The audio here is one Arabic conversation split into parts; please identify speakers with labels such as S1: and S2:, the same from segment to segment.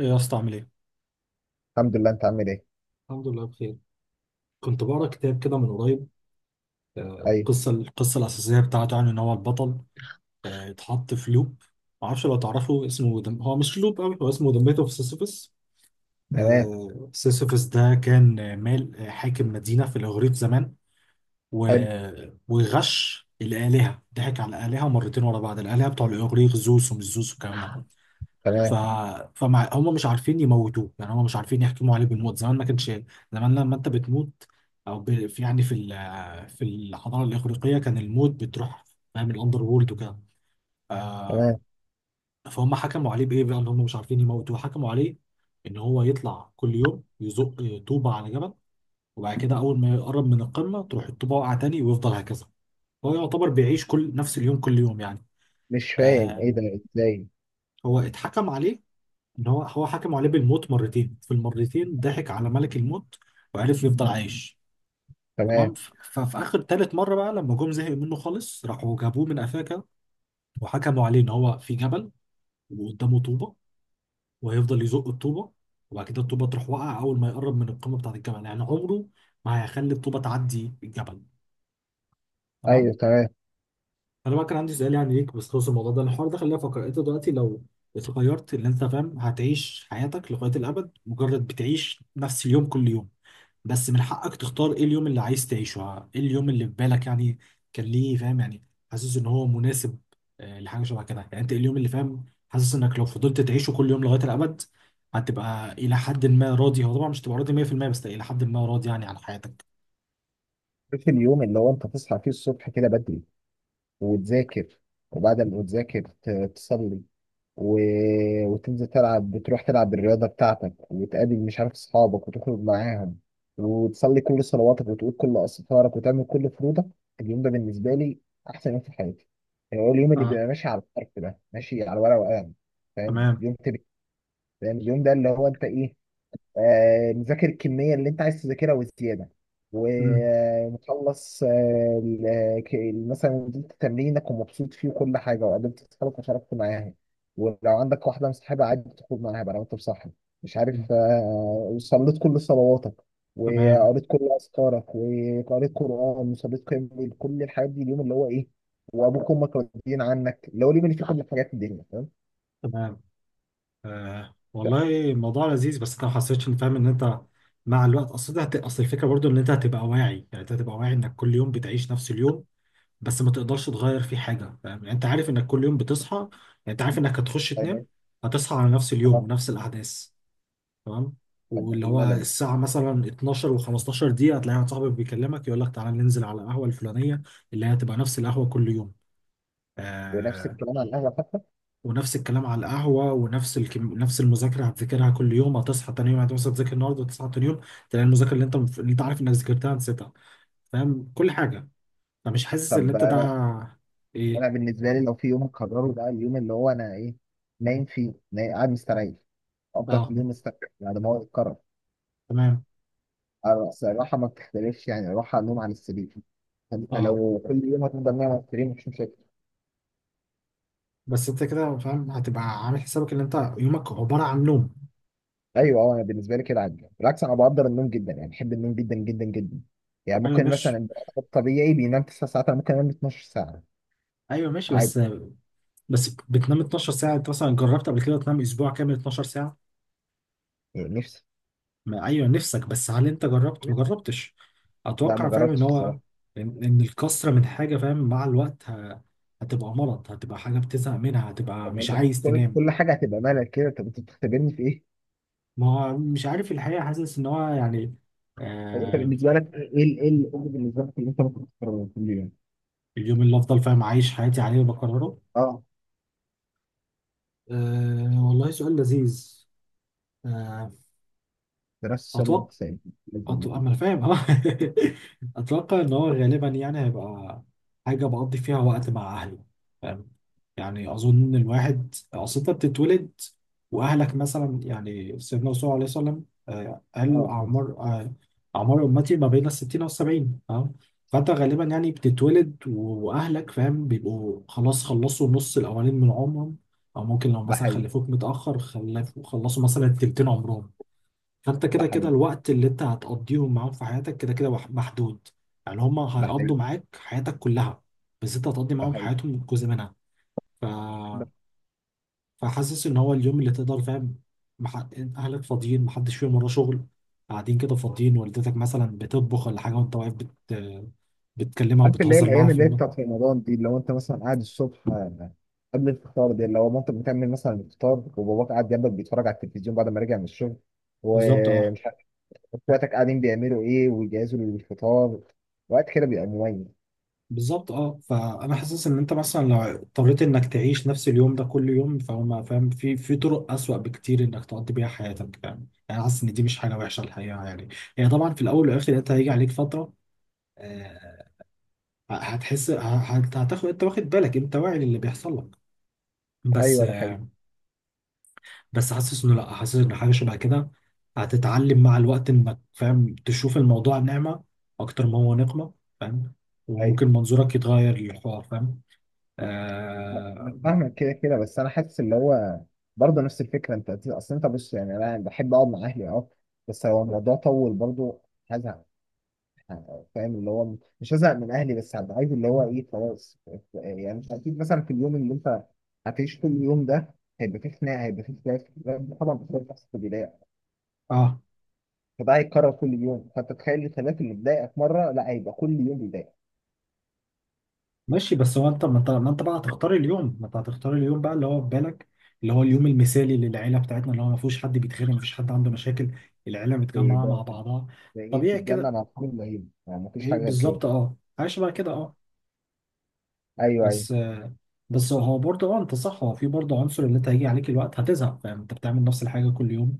S1: ايه يا اسطى عامل ايه؟
S2: الحمد لله، انت عامل ايه؟
S1: الحمد لله بخير. كنت بقرا كتاب كده من قريب. آه،
S2: ايوه.
S1: القصه الاساسيه بتاعته يعني ان هو البطل اتحط في لوب. معرفش لو تعرفه اسمه هو مش لوب قوي، هو اسمه ذا ميث اوف سيسيفس.
S2: تمام.
S1: سيسيفس ده كان حاكم مدينه في الاغريق زمان، و...
S2: حلو.
S1: وغش الالهه، ضحك على الالهه مرتين ورا بعض. الالهه بتوع الاغريق، زوس ومش زوس والكلام ده. ف
S2: تمام.
S1: فمع هم مش عارفين يموتوه، يعني هم مش عارفين يحكموا عليه بالموت. زمان ما كانش، زمان لما انت بتموت في يعني في الحضاره الاغريقيه كان الموت بتروح، فاهم؟ الاندر وورلد وكده. آه.
S2: تمام.
S1: فهم حكموا عليه بايه بقى؟ ان هم مش عارفين يموتوه، حكموا عليه ان هو يطلع كل يوم يزق طوبه على جبل، وبعد كده اول ما يقرب من القمه تروح الطوبه واقعه تاني، ويفضل هكذا. هو يعتبر بيعيش كل، نفس اليوم كل يوم يعني.
S2: مش فاهم ايه
S1: آه.
S2: ده، ازاي؟
S1: هو اتحكم عليه ان هو حكم عليه بالموت مرتين، في المرتين ضحك على ملك الموت وعرف يفضل عايش. تمام.
S2: تمام.
S1: ففي اخر تالت مره بقى لما جم زهقوا منه خالص، راحوا جابوه من افاكا وحكموا عليه ان هو في جبل وقدامه طوبه وهيفضل يزق الطوبه. وبعد كده الطوبه تروح واقعه اول ما يقرب من القمه بتاعت الجبل، يعني عمره ما هيخلي الطوبه تعدي الجبل. تمام.
S2: ايوه تمام.
S1: انا بقى كان عندي سؤال يعني ليك بخصوص الموضوع ده، الحوار ده. خلينا، فكر انت دلوقتي لو اتغيرت، اللي انت فاهم، هتعيش حياتك لغايه الابد مجرد بتعيش نفس اليوم كل يوم، بس من حقك تختار ايه اليوم اللي عايز تعيشه. ايه اليوم اللي في بالك يعني؟ كان ليه فاهم، يعني حاسس ان هو مناسب لحاجه شبه كده. يعني انت إيه اليوم اللي فاهم، حاسس انك لو فضلت تعيشه كل يوم لغايه الابد هتبقى الى حد ما راضي؟ هو طبعا مش تبقى راضي 100%، بس الى حد ما راضي يعني عن حياتك.
S2: في اليوم اللي هو انت تصحى فيه الصبح كده بدري وتذاكر، وبعد ما تذاكر تصلي و... وتنزل تلعب، بتروح تلعب الرياضه بتاعتك وتقابل مش عارف اصحابك وتخرج معاهم، وتصلي كل صلواتك وتقول كل استغفارك وتعمل كل فروضك. اليوم ده بالنسبه لي احسن يوم في حياتي، يعني هو اليوم اللي
S1: اه.
S2: بيبقى ماشي على الحرف ده، ماشي على ورقه وقلم. فاهم
S1: تمام.
S2: يوم تبقى فاهم اليوم ده اللي هو انت ايه، مذاكر الكميه اللي انت عايز تذاكرها وزياده،
S1: مم.
S2: ومخلص مثلا نزلت تمرينك ومبسوط فيه وكل حاجه، وقابلت اصحابك وشاركت معاهم، ولو عندك واحده مصاحبه عادي تخرج معاها بقى لو انت مصاحب، مش
S1: مم.
S2: عارف وصليت كل صلواتك
S1: تمام.
S2: وقريت كل اذكارك وقريت قران وصليت قيام الليل، كل الحاجات دي اليوم اللي هو ايه، وابوك وامك راضيين عنك، اللي هو اليوم اللي فيه كل حاجات الدنيا، فاهم؟
S1: تمام.
S2: ف-
S1: والله الموضوع لذيذ، بس انت ما حسيتش ان فاهم ان انت مع الوقت، اصل ده اصل الفكره برضو ان انت هتبقى واعي، يعني انت هتبقى واعي انك كل يوم بتعيش نفس اليوم بس ما تقدرش تغير فيه حاجة. فاهم يعني؟ انت عارف انك كل يوم بتصحى يعني، انت عارف انك هتخش تنام
S2: يعني-
S1: هتصحى على نفس اليوم
S2: آه،
S1: ونفس الأحداث. تمام.
S2: طب
S1: واللي هو
S2: الملل،
S1: الساعة مثلا 12 و15 دقيقة هتلاقي واحد صاحبك بيكلمك يقول لك تعالى ننزل على القهوة الفلانية، اللي هي هتبقى نفس القهوة كل يوم.
S2: ونفس
S1: آه.
S2: الكلام على القهوه حتى.
S1: ونفس الكلام على القهوة، ونفس نفس المذاكرة هتذاكرها كل يوم، هتصحى تاني يوم، هتصحى تذاكر النهاردة وتصحى تاني يوم، تلاقي المذاكرة اللي انت عارف انك ذاكرتها نسيتها. فاهم؟ كل حاجة. فمش حاسس ان
S2: طب
S1: انت ده
S2: انا
S1: ايه؟
S2: انا بالنسبه لي لو في يوم اقرره بقى، اليوم اللي هو انا ايه، نايم فيه، نايم قاعد مستريح، افضل
S1: اه.
S2: كل يوم مستريح بعد ما هو يتكرر.
S1: تمام.
S2: أنا أصل الراحه ما بتختلفش، يعني الراحه النوم على السرير. انت
S1: اه.
S2: لو كل يوم هتفضل نايم على السرير، مش مشاكل.
S1: بس انت كده فاهم هتبقى عامل حسابك ان انت يومك عباره عن نوم.
S2: ايوه اه، انا بالنسبه لي كده عادي، بالعكس انا بقدر النوم جدا، يعني بحب النوم جدا جدا جدا. يعني
S1: ايوه
S2: ممكن مثلا
S1: ماشي.
S2: البني آدم الطبيعي بينام 9 ساعات، انا ممكن انام 12 ساعه
S1: ايوه ماشي بس،
S2: عادي.
S1: بتنام 12 ساعه، انت مثلا جربت قبل كده تنام اسبوع كامل 12 ساعه؟
S2: يعني نفسي.
S1: ما ايوه نفسك، بس هل انت جربت؟ ما جربتش.
S2: لا ما
S1: اتوقع فاهم ان
S2: جربتش.
S1: هو، إن الكسره من حاجه، فاهم، مع الوقت هتبقى مرض، هتبقى حاجه بتزهق منها، هتبقى
S2: طب ما
S1: مش
S2: انت
S1: عايز
S2: كل
S1: تنام.
S2: كل حاجه هتبقى مالك كده، طب انت بتختبرني في ايه؟
S1: ما هو مش عارف الحقيقه، حاسس ان هو يعني.
S2: طب انت
S1: آه
S2: بالنسبه لك ايه ايه الامر بالنسبه لك اللي انت ممكن تكرره كل يوم؟
S1: اليوم اللي افضل فاهم عايش حياتي عليه وبكرره.
S2: اه،
S1: والله سؤال لذيذ. آه،
S2: دراسه الشر
S1: أتوقع.
S2: والحساب باذن
S1: أتوقع
S2: الله.
S1: ما أنا فاهم أه. أتوقع إن هو غالبا يعني هيبقى حاجة بقضي فيها وقت مع أهلي، فاهم؟ يعني أظن إن الواحد، أصل أنت بتتولد وأهلك مثلا، يعني سيدنا الرسول عليه الصلاة والسلام قال
S2: اه بس.
S1: أعمار أعمار أمتي ما بين الستين والسبعين، فاهم؟ فأنت غالبا يعني بتتولد وأهلك فاهم بيبقوا خلاص خلصوا النص الأولين من عمرهم، أو ممكن لو
S2: ده
S1: مثلا
S2: حقيقي.
S1: خلفوك متأخر، خلفوا خلصوا مثلا تلتين عمرهم. فانت
S2: ده
S1: كده كده
S2: حقيقي.
S1: الوقت اللي انت هتقضيهم معاهم في حياتك كده كده محدود. يعني هم
S2: ده
S1: هيقضوا
S2: حقيقي.
S1: معاك حياتك كلها، بس انت هتقضي
S2: ده
S1: معاهم
S2: حقيقي.
S1: حياتهم جزء منها. ف...
S2: ده-
S1: فحاسس ان هو اليوم اللي تقدر، فاهم، مح... اهلك فاضيين، محدش فيهم وراه شغل، قاعدين كده فاضيين، والدتك مثلا بتطبخ ولا حاجه وانت واقف بتكلمها
S2: عارف اللي هي
S1: وبتهزر معاها
S2: الايام اللي هي بتاعت رمضان دي، اللي هو انت مثلا قاعد الصبح، قبل الفطار، دي اللي هو مامتك بتعمل مثلا الفطار، وباباك قاعد جنبك بيتفرج على التلفزيون بعد ما راجع من الشغل،
S1: بالظبط. اه.
S2: ومش عارف اخواتك قاعدين بيعملوا ايه ويجهزوا للفطار. وقت كده بيبقى مميز.
S1: بالظبط، اه، فانا حاسس ان انت مثلا لو اضطريت انك تعيش نفس اليوم ده كل يوم، فما فاهم، في طرق اسوأ بكتير انك تقضي بيها حياتك. فاهم يعني؟ حاسس ان دي مش حاجه وحشه الحقيقه يعني. هي طبعا في الاول والاخر انت هيجي عليك فتره، آه، هتحس هتاخد، انت واخد بالك، انت واعي للي بيحصل لك، بس
S2: ايوه ده حقيقي.
S1: بس حاسس انه لا، حاسس ان حاجه شبه كده هتتعلم مع الوقت انك فاهم تشوف الموضوع نعمه اكتر ما هو نقمه، فاهم؟
S2: ايوه
S1: وممكن منظورك يتغير للحوار، فاهم؟
S2: أنا
S1: اه.
S2: فاهمك، كده بس انا حاسس اللي هو برضه نفس الفكره. انت اصل انت بص، يعني انا بحب اقعد مع اهلي اه، بس لو الموضوع طول برضه هزهق. فاهم اللي هو مش هزهق من اهلي، بس هبقى عايز اللي هو ايه خلاص. يعني مش اكيد مثلا في اليوم اللي انت هتعيش كل يوم ده هيبقى فيه خناقه، هيبقى فيه خلاف، طبعا بتلاقي بتحصل في البدايه.
S1: آه،
S2: فده هيتكرر كل يوم، فانت تخيل الخلاف اللي بيضايقك مره، لا هيبقى كل يوم بيضايقك.
S1: ماشي، بس هو انت، ما انت بقى هتختار اليوم، ما انت هتختار اليوم بقى اللي هو في بالك، اللي هو اليوم المثالي للعيله بتاعتنا، اللي هو ما فيهوش حد بيتخانق، ما فيش حد عنده مشاكل، العيله
S2: ده
S1: متجمعه مع بعضها
S2: ده ايه، في
S1: طبيعي
S2: الجنه
S1: كده.
S2: مع كل العيله، يعني مفيش
S1: ايه
S2: حاجه غير كده.
S1: بالظبط اه، عايش بقى كده اه.
S2: ايوه ايوه.
S1: بس بس هو برضه اه انت صح، هو في برضه عنصر اللي انت هيجي عليك الوقت هتزهق، فاهم؟ انت بتعمل نفس الحاجه كل يوم.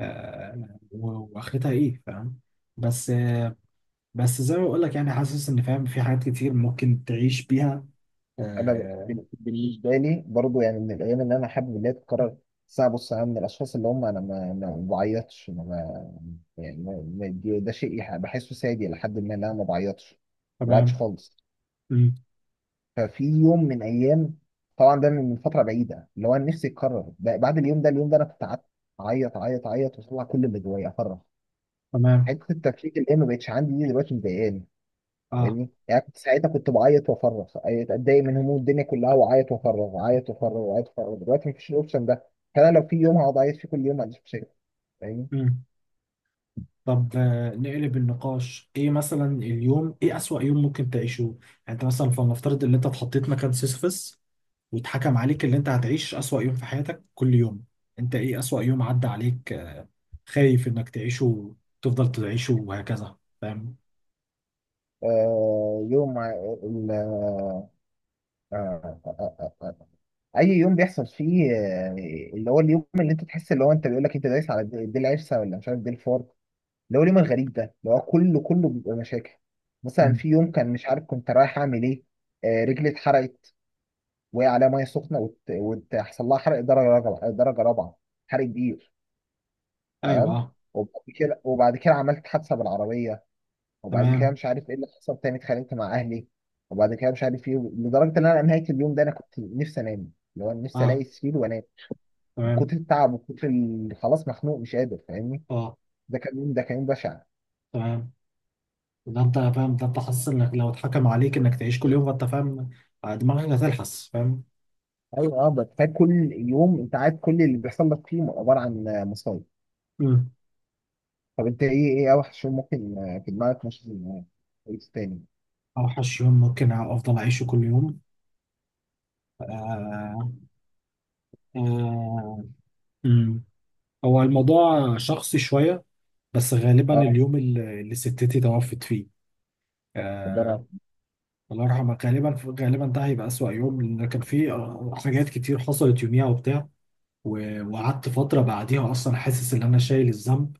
S1: واخرتها ايه، فاهم؟ بس بس زي ما بقول لك يعني، حاسس ان فاهم في حاجات كتير ممكن تعيش بيها.
S2: انا
S1: آه،
S2: بالنسبه لي برضو، يعني من الايام اللي انا حابب ان هي تتكرر، بس انا بص انا من الاشخاص اللي هم انا ما بعيطش. أنا ما يعني ده شيء بحسه سادي لحد ما ان انا ما بعيطش، ما بعيطش
S1: تمام.
S2: خالص.
S1: مم.
S2: ففي يوم من ايام، طبعا ده من فتره بعيده، اللي هو أنا نفسي يتكرر بعد اليوم ده. اليوم ده انا كنت قعدت اعيط اعيط اعيط واطلع كل اللي جوايا افرغ.
S1: تمام.
S2: حته التفكيك اللي هي ما بقتش عندي دي دلوقتي مضايقاني.
S1: اه.
S2: فاهمني؟ يعني كنت ساعتها كنت بعيط وافرغ، اتضايق من هموم الدنيا كلها وعيط وافرغ، عيط وافرغ، وعيط وافرغ. دلوقتي مفيش الاوبشن ده، فانا لو في يوم هقعد اعيط فيه كل يوم، ما عنديش مشاكل. فاهمني؟
S1: مم. طب، نقلب النقاش. ايه مثلا اليوم، ايه اسوأ يوم ممكن تعيشه يعني؟ انت مثلا فلنفترض ان انت اتحطيت مكان سيسيفس واتحكم عليك ان انت هتعيش اسوأ يوم في حياتك كل يوم. انت ايه اسوأ يوم عدى عليك، خايف انك تعيشه، تفضل تعيشه وهكذا، فاهم؟
S2: آه يوم ع- ال- آه آه آه آه. آه. اي يوم بيحصل فيه، اللي هو اليوم اللي انت تحس اللي هو انت بيقول لك انت دايس على دي العرسه ولا مش عارف دي الفار، اللي هو اليوم الغريب ده اللي هو كله بيبقى مشاكل. مثلا
S1: مم.
S2: في يوم كان مش عارف كنت رايح اعمل ايه، رجلي اتحرقت، وقع عليها ميه سخنه وتحصل لها حرق درجه رابعه، درجه رابعه، حرق كبير.
S1: ايوه.
S2: تمام.
S1: اه.
S2: وبعد كده عملت حادثه بالعربيه، وبعد كده
S1: تمام.
S2: مش عارف ايه اللي حصل تاني، اتخانقت مع اهلي، وبعد كده مش عارف ايه، لدرجه ان انا نهايه اليوم ده انا كنت نفسي انام، اللي هو نفسي الاقي
S1: اه.
S2: سرير وانام من
S1: تمام.
S2: كتر التعب ومن كتر خلاص مخنوق مش قادر. فاهمني؟
S1: اه.
S2: ده كان يوم، ده كان يوم بشع.
S1: تمام. ده انت فاهم، ده انت حاسس انك لو اتحكم عليك انك تعيش كل يوم، فانت فاهم دماغك هتلحس، فاهم؟
S2: ايوه اه، بس فات كل يوم انت عارف كل اللي بيحصل لك فيه عباره عن مصايب.
S1: مم.
S2: طب انت ايه، ايه اوحش يوم ممكن في دماغك مش كويس تاني؟
S1: اوحش يوم ممكن افضل اعيشه كل يوم؟ آه. آه. مم. هو الموضوع شخصي شويه، بس غالبا
S2: اه.
S1: اليوم اللي، اللي ستتي توفت فيه.
S2: مدرع.
S1: آه. الله يرحمها. غالبا، غالبا ده هيبقى اسوأ يوم لان كان فيه حاجات كتير حصلت يوميها وبتاع، وقعدت فتره بعديها اصلا حاسس ان انا شايل الذنب.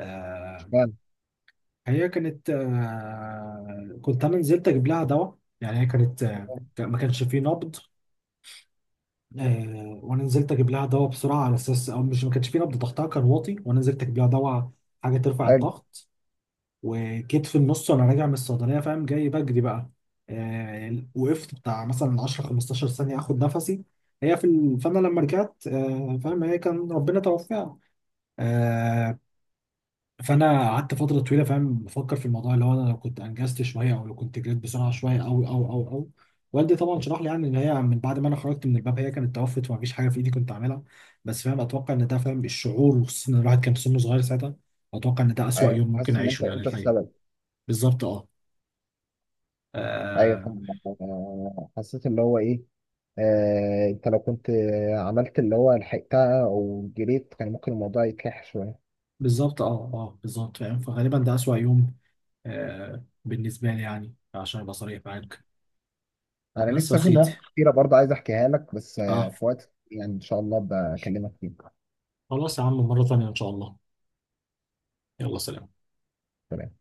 S1: آه.
S2: اشمعنى؟
S1: هي كانت، كنت انا نزلت اجيب لها دواء، يعني هي كانت ما كانش فيه نبض. وانا نزلت اجيب لها دواء بسرعه على اساس او مش، ما كانش فيه نبض، ضغطها كان واطي وانا نزلت اجيب لها دواء حاجه ترفع
S2: حلو.
S1: الضغط. وجيت في النص وانا راجع من الصيدليه، فاهم، جاي بجري بقى. وقفت بتاع مثلا 10 15 ثانيه اخد نفسي. فانا لما رجعت فاهم، هي كان ربنا توفاها. فانا قعدت فتره طويله، فاهم، بفكر في الموضوع اللي هو انا لو كنت انجزت شويه، او لو كنت جريت بسرعه شويه، او. والدي طبعا شرح لي يعني ان هي من بعد ما انا خرجت من الباب هي كانت توفت، ومفيش حاجه في ايدي كنت اعملها. بس فاهم اتوقع ان ده فاهم الشعور، وخصوصا ان الواحد كان سنه صغير ساعتها، اتوقع ان ده اسوأ
S2: ايوه،
S1: يوم ممكن
S2: حاسس ان
S1: اعيشه
S2: انت
S1: يعني
S2: انت
S1: الحقيقه.
S2: السبب.
S1: بالظبط اه.
S2: ايوه
S1: آه،
S2: فاهم. حسيت اللي هو ايه، انت لو كنت عملت اللي هو لحقتها او جريت، كان ممكن الموضوع يتلح شويه.
S1: بالظبط اه. اه بالظبط فاهم، فغالبا ده اسوأ يوم بالنسبه لي يعني، عشان ابقى صريح معاك.
S2: انا
S1: بس يا
S2: لسه في
S1: سيدي.
S2: مواقف كتيره برضه عايز احكيها لك، بس
S1: اه.
S2: في وقت يعني ان شاء الله بكلمك فيه.
S1: خلاص يا عم، مره ثانيه ان شاء الله. يلا سلام.
S2: تمام.